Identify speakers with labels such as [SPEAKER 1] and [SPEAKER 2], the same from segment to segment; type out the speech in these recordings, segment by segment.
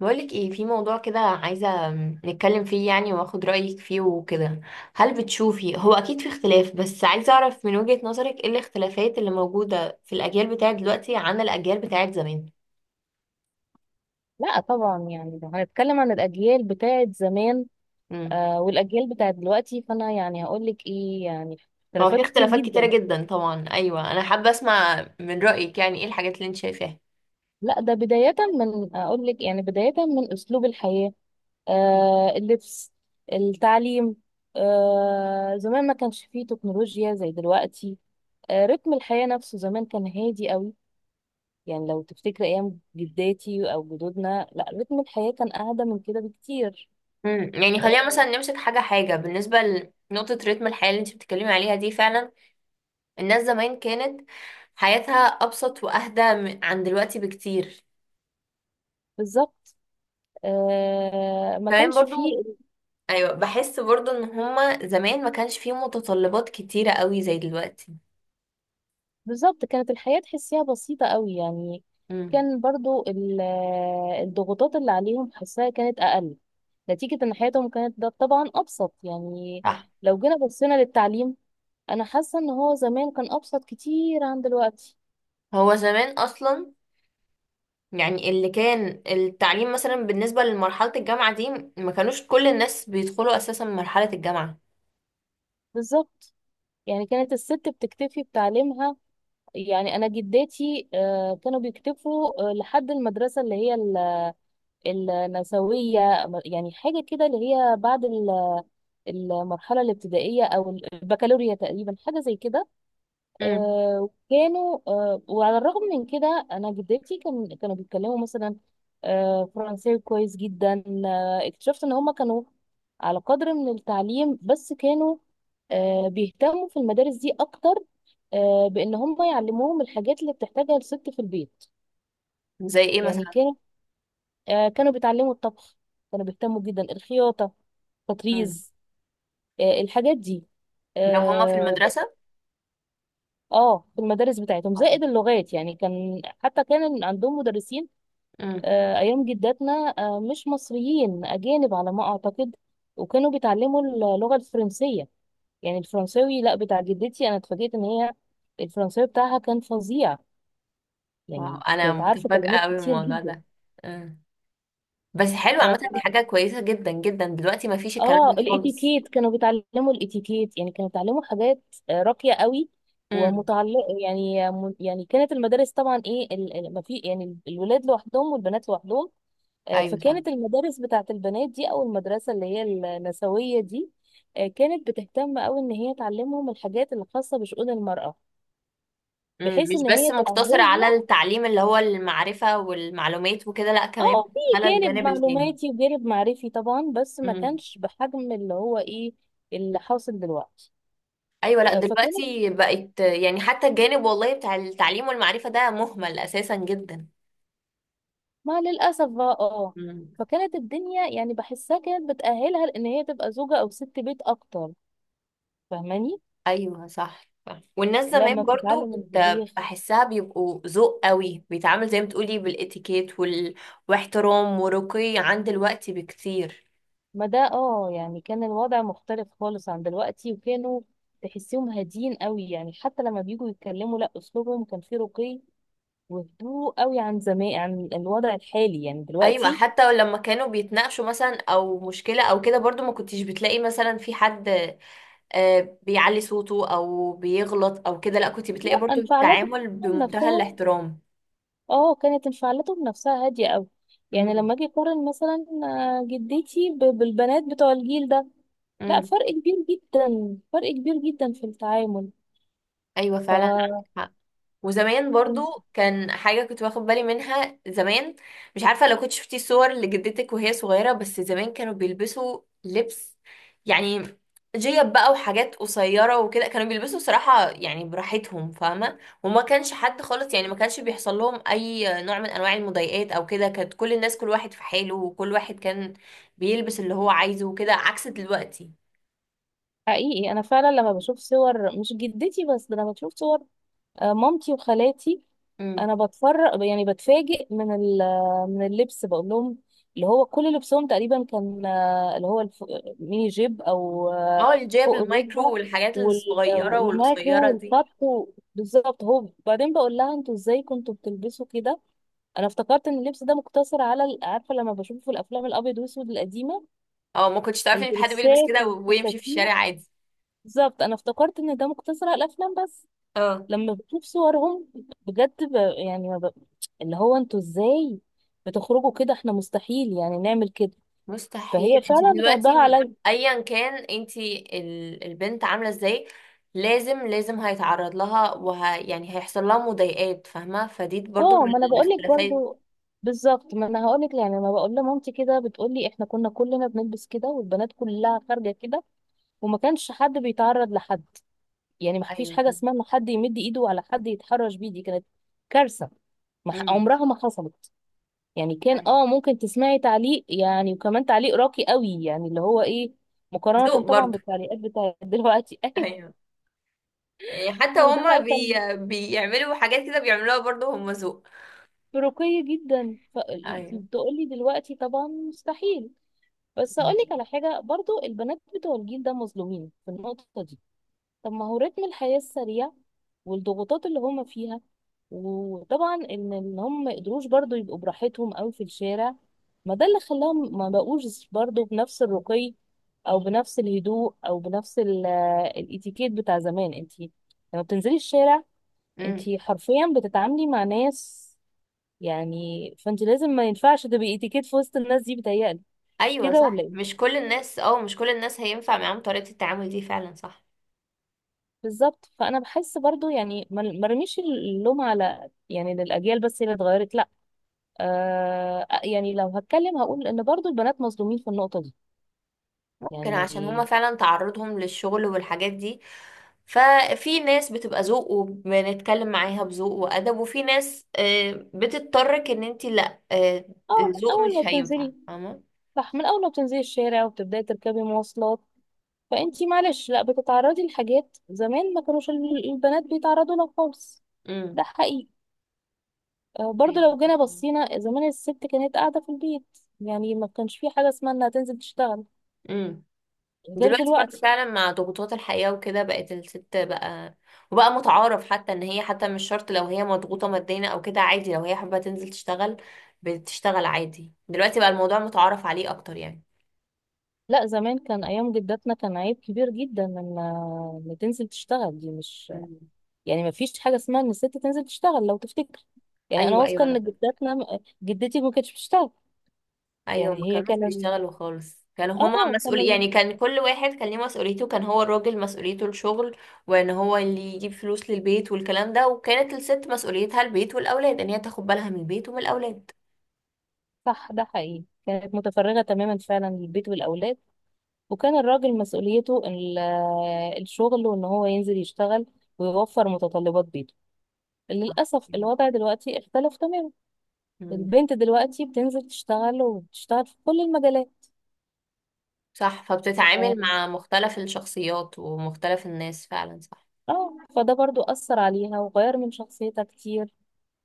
[SPEAKER 1] بقولك ايه، في موضوع كده عايزة نتكلم فيه يعني واخد رأيك فيه وكده. هل بتشوفي هو اكيد في اختلاف، بس عايزة اعرف من وجهة نظرك ايه الاختلافات اللي موجودة في الاجيال بتاعت دلوقتي عن الاجيال بتاعت زمان؟
[SPEAKER 2] لا طبعا. لو هنتكلم عن الأجيال بتاعت زمان
[SPEAKER 1] امم
[SPEAKER 2] والأجيال بتاعت دلوقتي، فأنا هقولك إيه. يعني
[SPEAKER 1] هو في
[SPEAKER 2] اختلافات كتير
[SPEAKER 1] اختلافات كتيرة
[SPEAKER 2] جدا.
[SPEAKER 1] جدا طبعا، ايوه انا حابة اسمع من رأيك يعني ايه الحاجات اللي انت شايفاها.
[SPEAKER 2] لا، ده بداية من أقولك، يعني بداية من أسلوب الحياة، اللبس، التعليم. زمان ما كانش فيه تكنولوجيا زي دلوقتي. رتم الحياة نفسه زمان كان هادي قوي. يعني لو تفتكر أيام جداتي أو جدودنا، لا رتم الحياة كان أهدى من كده بكتير.
[SPEAKER 1] يعني خلينا
[SPEAKER 2] آه،
[SPEAKER 1] مثلا نمسك حاجة حاجة. بالنسبة لنقطة رتم الحياة اللي انت بتتكلمي عليها دي، فعلا الناس زمان كانت حياتها ابسط واهدى عن دلوقتي بكتير.
[SPEAKER 2] بالظبط. ما
[SPEAKER 1] كمان
[SPEAKER 2] كانش فيه.
[SPEAKER 1] برضو ايوه، بحس برضو ان هما زمان ما كانش فيه متطلبات كتيرة قوي زي دلوقتي.
[SPEAKER 2] بالظبط، كانت الحياة تحسيها بسيطة قوي يعني.
[SPEAKER 1] امم.
[SPEAKER 2] كان برضو الضغوطات اللي عليهم حسها كانت أقل، نتيجة إن حياتهم كانت ده طبعا أبسط يعني.
[SPEAKER 1] صح.
[SPEAKER 2] لو جينا بصينا للتعليم، أنا حاسة إن هو زمان كان أبسط كتير عن دلوقتي.
[SPEAKER 1] هو زمان اصلا يعني اللي كان التعليم مثلا بالنسبة لمرحلة الجامعة دي ما كانوش كل الناس بيدخلوا اساسا مرحلة الجامعة.
[SPEAKER 2] بالظبط. يعني كانت الست بتكتفي بتعليمها. يعني أنا جداتي كانوا بيكتفوا لحد المدرسة اللي هي النسوية، يعني حاجة كده، اللي هي بعد المرحلة الابتدائية أو البكالوريا تقريبا، حاجة زي كده.
[SPEAKER 1] امم.
[SPEAKER 2] آه، كانوا آه، وعلى الرغم من كده أنا جدتي كانوا بيتكلموا مثلا فرنساوي كويس جدا. اكتشفت إن هما كانوا على قدر من التعليم، بس كانوا بيهتموا في المدارس دي أكتر بإن هما يعلموهم الحاجات اللي بتحتاجها الست في البيت.
[SPEAKER 1] زي ايه
[SPEAKER 2] يعني
[SPEAKER 1] مثلا؟
[SPEAKER 2] كانوا كانوا بيتعلموا الطبخ، كانوا بيهتموا جدا الخياطة،
[SPEAKER 1] امم.
[SPEAKER 2] تطريز الحاجات دي.
[SPEAKER 1] لو هما في
[SPEAKER 2] آه،
[SPEAKER 1] المدرسة.
[SPEAKER 2] اه، في المدارس بتاعتهم زائد اللغات. يعني كان، حتى كان عندهم مدرسين
[SPEAKER 1] امم.
[SPEAKER 2] ايام جداتنا مش مصريين، اجانب على ما اعتقد، وكانوا بيتعلموا اللغه الفرنسيه. يعني الفرنساوي، لا بتاع جدتي، انا اتفاجئت ان هي الفرنساوي بتاعها كان فظيع.
[SPEAKER 1] واو،
[SPEAKER 2] يعني
[SPEAKER 1] انا
[SPEAKER 2] كانت عارفه
[SPEAKER 1] متفاجئة
[SPEAKER 2] كلمات
[SPEAKER 1] قوي من
[SPEAKER 2] كتير
[SPEAKER 1] الموضوع
[SPEAKER 2] جدا.
[SPEAKER 1] ده. امم. بس حلو،
[SPEAKER 2] آه،
[SPEAKER 1] عامة دي حاجة كويسة جدا جدا، دلوقتي ما فيش الكلام
[SPEAKER 2] اه،
[SPEAKER 1] ده خالص.
[SPEAKER 2] الاتيكيت، كانوا بيتعلموا الاتيكيت. يعني كانوا بيتعلموا حاجات راقية قوي
[SPEAKER 1] امم.
[SPEAKER 2] ومتعلقة. يعني كانت المدارس طبعا، ايه، ما في، يعني الولاد لوحدهم والبنات لوحدهم.
[SPEAKER 1] ايوه صح.
[SPEAKER 2] فكانت المدارس بتاعت البنات دي، او المدرسة اللي هي النسوية دي كانت بتهتم قوي ان هي تعلمهم الحاجات الخاصة بشؤون المرأة،
[SPEAKER 1] مم،
[SPEAKER 2] بحيث
[SPEAKER 1] مش
[SPEAKER 2] ان
[SPEAKER 1] بس
[SPEAKER 2] هي
[SPEAKER 1] مقتصر على
[SPEAKER 2] تأهلها.
[SPEAKER 1] التعليم اللي هو المعرفة والمعلومات وكده، لا كمان
[SPEAKER 2] اه، في
[SPEAKER 1] على
[SPEAKER 2] جانب
[SPEAKER 1] الجانب التاني.
[SPEAKER 2] معلوماتي وجانب معرفي طبعا، بس ما
[SPEAKER 1] مم.
[SPEAKER 2] كانش بحجم اللي هو ايه اللي حاصل دلوقتي.
[SPEAKER 1] ايوه، لا
[SPEAKER 2] آه، فكانت
[SPEAKER 1] دلوقتي بقت يعني حتى الجانب والله بتاع التعليم والمعرفة ده مهمل اساسا جدا.
[SPEAKER 2] ما للأسف بقى. اه،
[SPEAKER 1] مم.
[SPEAKER 2] فكانت الدنيا، يعني بحسها كانت بتأهلها لأن هي تبقى زوجة أو ست بيت أكتر، فاهماني؟
[SPEAKER 1] ايوه صح صح. والناس
[SPEAKER 2] لما
[SPEAKER 1] زمان برضو
[SPEAKER 2] بتتعلم
[SPEAKER 1] كنت
[SPEAKER 2] الطبيخ.
[SPEAKER 1] بحسها بيبقوا ذوق قوي، بيتعامل زي ما بتقولي بالاتيكيت واحترام ورقي عن دلوقتي بكتير.
[SPEAKER 2] ما ده اه، يعني كان الوضع مختلف خالص عن دلوقتي. وكانوا تحسيهم هاديين قوي. يعني حتى لما بيجوا يتكلموا، لا أسلوبهم كان فيه رقي وهدوء قوي عن زمان، عن الوضع الحالي يعني
[SPEAKER 1] ايوه،
[SPEAKER 2] دلوقتي.
[SPEAKER 1] حتى لما كانوا بيتناقشوا مثلا او مشكله او كده برضو ما كنتش بتلاقي مثلا في حد بيعلي صوته او بيغلط او كده، لا كنت بتلاقي
[SPEAKER 2] لا،
[SPEAKER 1] برضو
[SPEAKER 2] انفعالاتهم
[SPEAKER 1] التعامل بمنتهى
[SPEAKER 2] نفسها،
[SPEAKER 1] الاحترام.
[SPEAKER 2] اه كانت انفعالاتهم نفسها هادية قوي. يعني
[SPEAKER 1] امم.
[SPEAKER 2] لما اجي اقارن مثلا جدتي بالبنات بتوع الجيل ده، لا،
[SPEAKER 1] امم.
[SPEAKER 2] فرق كبير جدا، فرق كبير جدا في التعامل.
[SPEAKER 1] ايوه فعلا عندك
[SPEAKER 2] ف
[SPEAKER 1] حق. وزمان برضو كان حاجة كنت واخد بالي منها زمان، مش عارفة لو كنت شفتي صور لجدتك وهي صغيرة، بس زمان كانوا بيلبسوا لبس، يعني جيب بقى وحاجات قصيرة وكده. كانوا بيلبسوا صراحة يعني براحتهم، فاهمة. وما كانش حد خالص، يعني ما كانش بيحصل لهم أي نوع من أنواع المضايقات أو كده. كانت كل الناس كل واحد في حاله، وكل واحد كان بيلبس اللي هو عايزه وكده، عكس دلوقتي.
[SPEAKER 2] حقيقي انا فعلا لما بشوف صور، مش جدتي بس، ده انا بشوف صور مامتي وخالاتي،
[SPEAKER 1] امم.
[SPEAKER 2] انا بتفرج، يعني بتفاجئ من من اللبس، بقول لهم اللي هو كل لبسهم تقريبا كان اللي هو ميني جيب، او
[SPEAKER 1] اه الجيب
[SPEAKER 2] فوق
[SPEAKER 1] المايكرو
[SPEAKER 2] الركبه،
[SPEAKER 1] والحاجات الصغيرة
[SPEAKER 2] والمايكرو
[SPEAKER 1] والقصيرة دي.
[SPEAKER 2] والخط بالظبط. هو بعدين بقول لها انتوا ازاي كنتوا بتلبسوا كده، انا افتكرت ان اللبس ده مقتصر على عارفه، لما بشوفه في الافلام الابيض والاسود القديمه،
[SPEAKER 1] اه ما كنتش تعرفي ان في حد بيلبس
[SPEAKER 2] الدرسات
[SPEAKER 1] كده ويمشي في
[SPEAKER 2] والفساتين.
[SPEAKER 1] الشارع عادي.
[SPEAKER 2] بالظبط، انا افتكرت ان ده مقتصر على الافلام بس.
[SPEAKER 1] اه
[SPEAKER 2] لما بشوف صورهم، بجد ب... يعني ما ب... اللي هو انتوا ازاي بتخرجوا كده؟ احنا مستحيل يعني نعمل كده.
[SPEAKER 1] مستحيل.
[SPEAKER 2] فهي
[SPEAKER 1] انت
[SPEAKER 2] فعلا
[SPEAKER 1] دلوقتي
[SPEAKER 2] ردها عليا.
[SPEAKER 1] ايا كان انت البنت عامله ازاي لازم لازم هيتعرض لها، وه يعني هيحصل لها مضايقات، فاهمه، فدي برضو من
[SPEAKER 2] اه، ما انا بقول لك
[SPEAKER 1] الاختلافات.
[SPEAKER 2] برضو. بالظبط، ما انا هقول لك. يعني لما بقول لمامتي كده، بتقول لي احنا كنا كلنا بنلبس كده، والبنات كلها خارجه كده، وما كانش حد بيتعرض لحد. يعني ما فيش
[SPEAKER 1] ايوه.
[SPEAKER 2] حاجه اسمها ان حد يمد ايده على حد يتحرش بيه، دي كانت كارثه. ما ح-
[SPEAKER 1] امم.
[SPEAKER 2] عمرها ما حصلت. يعني كان،
[SPEAKER 1] ايوه
[SPEAKER 2] اه، ممكن تسمعي تعليق يعني، وكمان تعليق راقي قوي يعني، اللي هو ايه، مقارنة
[SPEAKER 1] ذوق
[SPEAKER 2] طبعا
[SPEAKER 1] برضو.
[SPEAKER 2] بالتعليقات بتاعت دلوقتي. ايوه.
[SPEAKER 1] ايوه يعني حتى
[SPEAKER 2] وده
[SPEAKER 1] هما
[SPEAKER 2] بقى كان
[SPEAKER 1] بيعملوا حاجات كده بيعملوها برضو هما ذوق.
[SPEAKER 2] رقي جدا.
[SPEAKER 1] ايوه.
[SPEAKER 2] فتقولي دلوقتي طبعا مستحيل. بس اقول لك على حاجة، برضو البنات بتوع الجيل ده مظلومين في النقطة دي. طب ما هو رتم الحياة السريع والضغوطات اللي هما فيها، وطبعا ان إن هم ما قدروش برضو يبقوا براحتهم قوي في الشارع، ما ده اللي خلاهم ما بقوش برضو بنفس الرقي، او بنفس الهدوء، او بنفس الاتيكيت بتاع زمان. انت لما بتنزلي الشارع، انت
[SPEAKER 1] امم.
[SPEAKER 2] حرفيا بتتعاملي مع ناس، يعني. فانت لازم، ما ينفعش تبقي اتيكيت في وسط الناس دي، بتهيألي. مش
[SPEAKER 1] ايوه
[SPEAKER 2] كده ولا
[SPEAKER 1] صح،
[SPEAKER 2] ايه؟
[SPEAKER 1] مش كل الناس، اه مش كل الناس هينفع معاهم طريقه التعامل دي، فعلا صح.
[SPEAKER 2] بالظبط. فانا بحس برضو يعني، ما رميش اللوم على، يعني، للاجيال بس اللي اتغيرت، لا. آه، يعني لو هتكلم، هقول ان برضو البنات مظلومين في النقطه دي.
[SPEAKER 1] ممكن عشان هما
[SPEAKER 2] يعني
[SPEAKER 1] فعلا تعرضهم للشغل والحاجات دي، ففي ناس بتبقى ذوق وبنتكلم معاها بذوق وأدب، وفي ناس بتضطرك ان انتي لا،
[SPEAKER 2] اه
[SPEAKER 1] الذوق
[SPEAKER 2] اول ما
[SPEAKER 1] مش هينفع،
[SPEAKER 2] بتنزلي
[SPEAKER 1] فاهمة.
[SPEAKER 2] صح، من اول ما بتنزلي الشارع وبتبداي تركبي مواصلات، فانتي معلش، لا، بتتعرضي لحاجات زمان ما كانوش البنات بيتعرضوا لها خالص. ده
[SPEAKER 1] امم.
[SPEAKER 2] حقيقي. برضو
[SPEAKER 1] أيوة.
[SPEAKER 2] لو جينا بصينا زمان، الست كانت قاعده في البيت. يعني ما كانش في حاجه اسمها انها تنزل تشتغل،
[SPEAKER 1] امم.
[SPEAKER 2] غير
[SPEAKER 1] دلوقتي برضه
[SPEAKER 2] دلوقتي.
[SPEAKER 1] فعلا مع ضغوطات الحياة وكده بقت الست بقى، وبقى متعارف حتى ان هي حتى مش شرط لو هي مضغوطة ماديا او كده، عادي لو هي حابة تنزل تشتغل بتشتغل عادي. دلوقتي بقى الموضوع متعارف عليه اكتر يعني.
[SPEAKER 2] لا، زمان، كان ايام جداتنا كان عيب كبير جدا ان، ان تنزل تشتغل، دي مش،
[SPEAKER 1] مم.
[SPEAKER 2] يعني ما فيش حاجه اسمها ان الست تنزل تشتغل لو تفتكر. يعني انا
[SPEAKER 1] ايوه
[SPEAKER 2] واثقه
[SPEAKER 1] ايوه
[SPEAKER 2] ان
[SPEAKER 1] انا،
[SPEAKER 2] جداتنا، جدتي ما كانتش بتشتغل.
[SPEAKER 1] ايوه
[SPEAKER 2] يعني
[SPEAKER 1] ما
[SPEAKER 2] هي
[SPEAKER 1] كانوش
[SPEAKER 2] كان
[SPEAKER 1] بيشتغلوا خالص، كانوا هما
[SPEAKER 2] اه
[SPEAKER 1] مسؤول
[SPEAKER 2] كان
[SPEAKER 1] يعني
[SPEAKER 2] ال-
[SPEAKER 1] كان كل واحد كان ليه مسؤوليته، كان هو الراجل مسؤوليته الشغل وان هو اللي يجيب فلوس للبيت والكلام ده، وكانت الست مسؤوليتها البيت والاولاد ان هي تاخد بالها من البيت ومن الاولاد.
[SPEAKER 2] صح، ده حقيقي، كانت متفرغه تماما فعلا للبيت والاولاد. وكان الراجل مسؤوليته الشغل، وان هو ينزل يشتغل ويوفر متطلبات بيته. للاسف الوضع دلوقتي اختلف تماما.
[SPEAKER 1] مم.
[SPEAKER 2] البنت دلوقتي بتنزل تشتغل، وبتشتغل في كل المجالات.
[SPEAKER 1] صح، فبتتعامل
[SPEAKER 2] اه
[SPEAKER 1] مع مختلف الشخصيات ومختلف الناس، فعلا صح.
[SPEAKER 2] فده برضو أثر عليها وغير من شخصيتها كتير.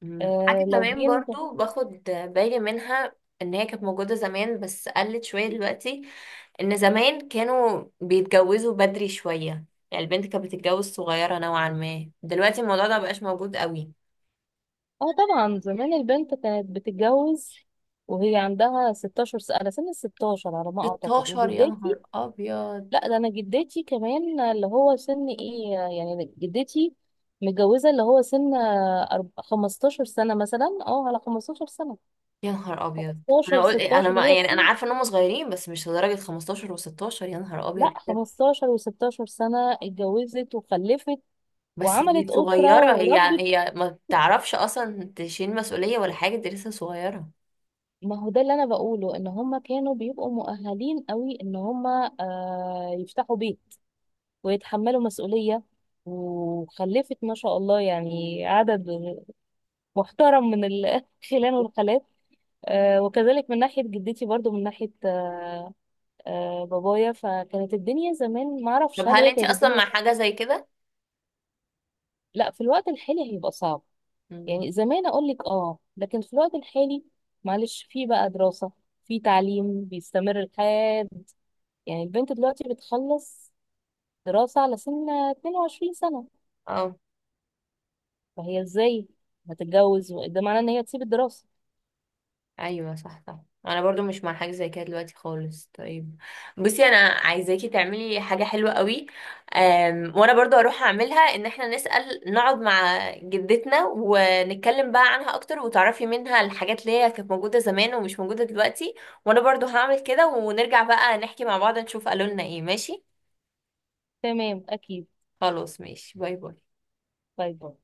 [SPEAKER 1] مم.
[SPEAKER 2] آه
[SPEAKER 1] حاجة
[SPEAKER 2] لو
[SPEAKER 1] كمان
[SPEAKER 2] جينا ب-
[SPEAKER 1] برضو باخد بالي منها ان هي كانت موجودة زمان بس قلت شوية دلوقتي، ان زمان كانوا بيتجوزوا بدري شوية، يعني البنت كانت بتتجوز صغيرة نوعا ما، دلوقتي الموضوع ده مبقاش موجود قوي.
[SPEAKER 2] اه، طبعا زمان البنت كانت بتتجوز وهي عندها 16 سنة، على سن ال 16 على ما أعتقد.
[SPEAKER 1] 16 يا نهار
[SPEAKER 2] وجدتي،
[SPEAKER 1] ابيض!
[SPEAKER 2] لا، ده أنا جدتي كمان، اللي هو سن إيه يعني، جدتي متجوزة اللي هو سن 15 سنة مثلا، اه، على 15 سنة،
[SPEAKER 1] يا نهار ابيض! انا
[SPEAKER 2] 15،
[SPEAKER 1] قلت إيه، انا
[SPEAKER 2] 16
[SPEAKER 1] ما
[SPEAKER 2] هو
[SPEAKER 1] يعني انا
[SPEAKER 2] السن.
[SPEAKER 1] عارفة ان هم صغيرين بس مش لدرجة 15 و16، يا نهار ابيض
[SPEAKER 2] لا
[SPEAKER 1] إيه ده؟
[SPEAKER 2] 15 و16 سنة اتجوزت وخلفت
[SPEAKER 1] بس
[SPEAKER 2] وعملت
[SPEAKER 1] دي
[SPEAKER 2] أسرة
[SPEAKER 1] صغيرة، هي
[SPEAKER 2] وربت.
[SPEAKER 1] هي ما بتعرفش اصلا تشيل مسؤولية ولا حاجة، دي لسه صغيرة.
[SPEAKER 2] ما هو ده اللي انا بقوله، ان هم كانوا بيبقوا مؤهلين قوي ان هم آه يفتحوا بيت ويتحملوا مسؤولية. وخلفت ما شاء الله يعني عدد محترم من الخلان والخالات. آه، وكذلك من ناحية جدتي برضو، من ناحية بابايا. فكانت الدنيا زمان، ما
[SPEAKER 1] طب
[SPEAKER 2] اعرفش هل
[SPEAKER 1] هل
[SPEAKER 2] هي
[SPEAKER 1] انتي
[SPEAKER 2] كانت
[SPEAKER 1] اصلا
[SPEAKER 2] الدنيا.
[SPEAKER 1] مع حاجة زي كده؟
[SPEAKER 2] لا، في الوقت الحالي هيبقى صعب.
[SPEAKER 1] مم.
[SPEAKER 2] يعني زمان اقول لك اه، لكن في الوقت الحالي، معلش، في بقى دراسة، في تعليم بيستمر لحد، يعني البنت دلوقتي بتخلص دراسة على سن 22 سنة.
[SPEAKER 1] اه
[SPEAKER 2] فهي ازاي هتتجوز ده معناه ان هي تسيب الدراسة.
[SPEAKER 1] ايوه صح صح، انا برضو مش مع حاجه زي كده دلوقتي خالص. طيب بصي، انا عايزاكي تعملي حاجه حلوه قوي. وانا برضو هروح اعملها، ان احنا نسال، نقعد مع جدتنا ونتكلم بقى عنها اكتر وتعرفي منها الحاجات اللي هي كانت موجوده زمان ومش موجوده دلوقتي. وانا برضو هعمل كده ونرجع بقى نحكي مع بعض نشوف قالوا لنا ايه، ماشي.
[SPEAKER 2] تمام، اكيد.
[SPEAKER 1] خلاص ماشي، باي باي.
[SPEAKER 2] طيب.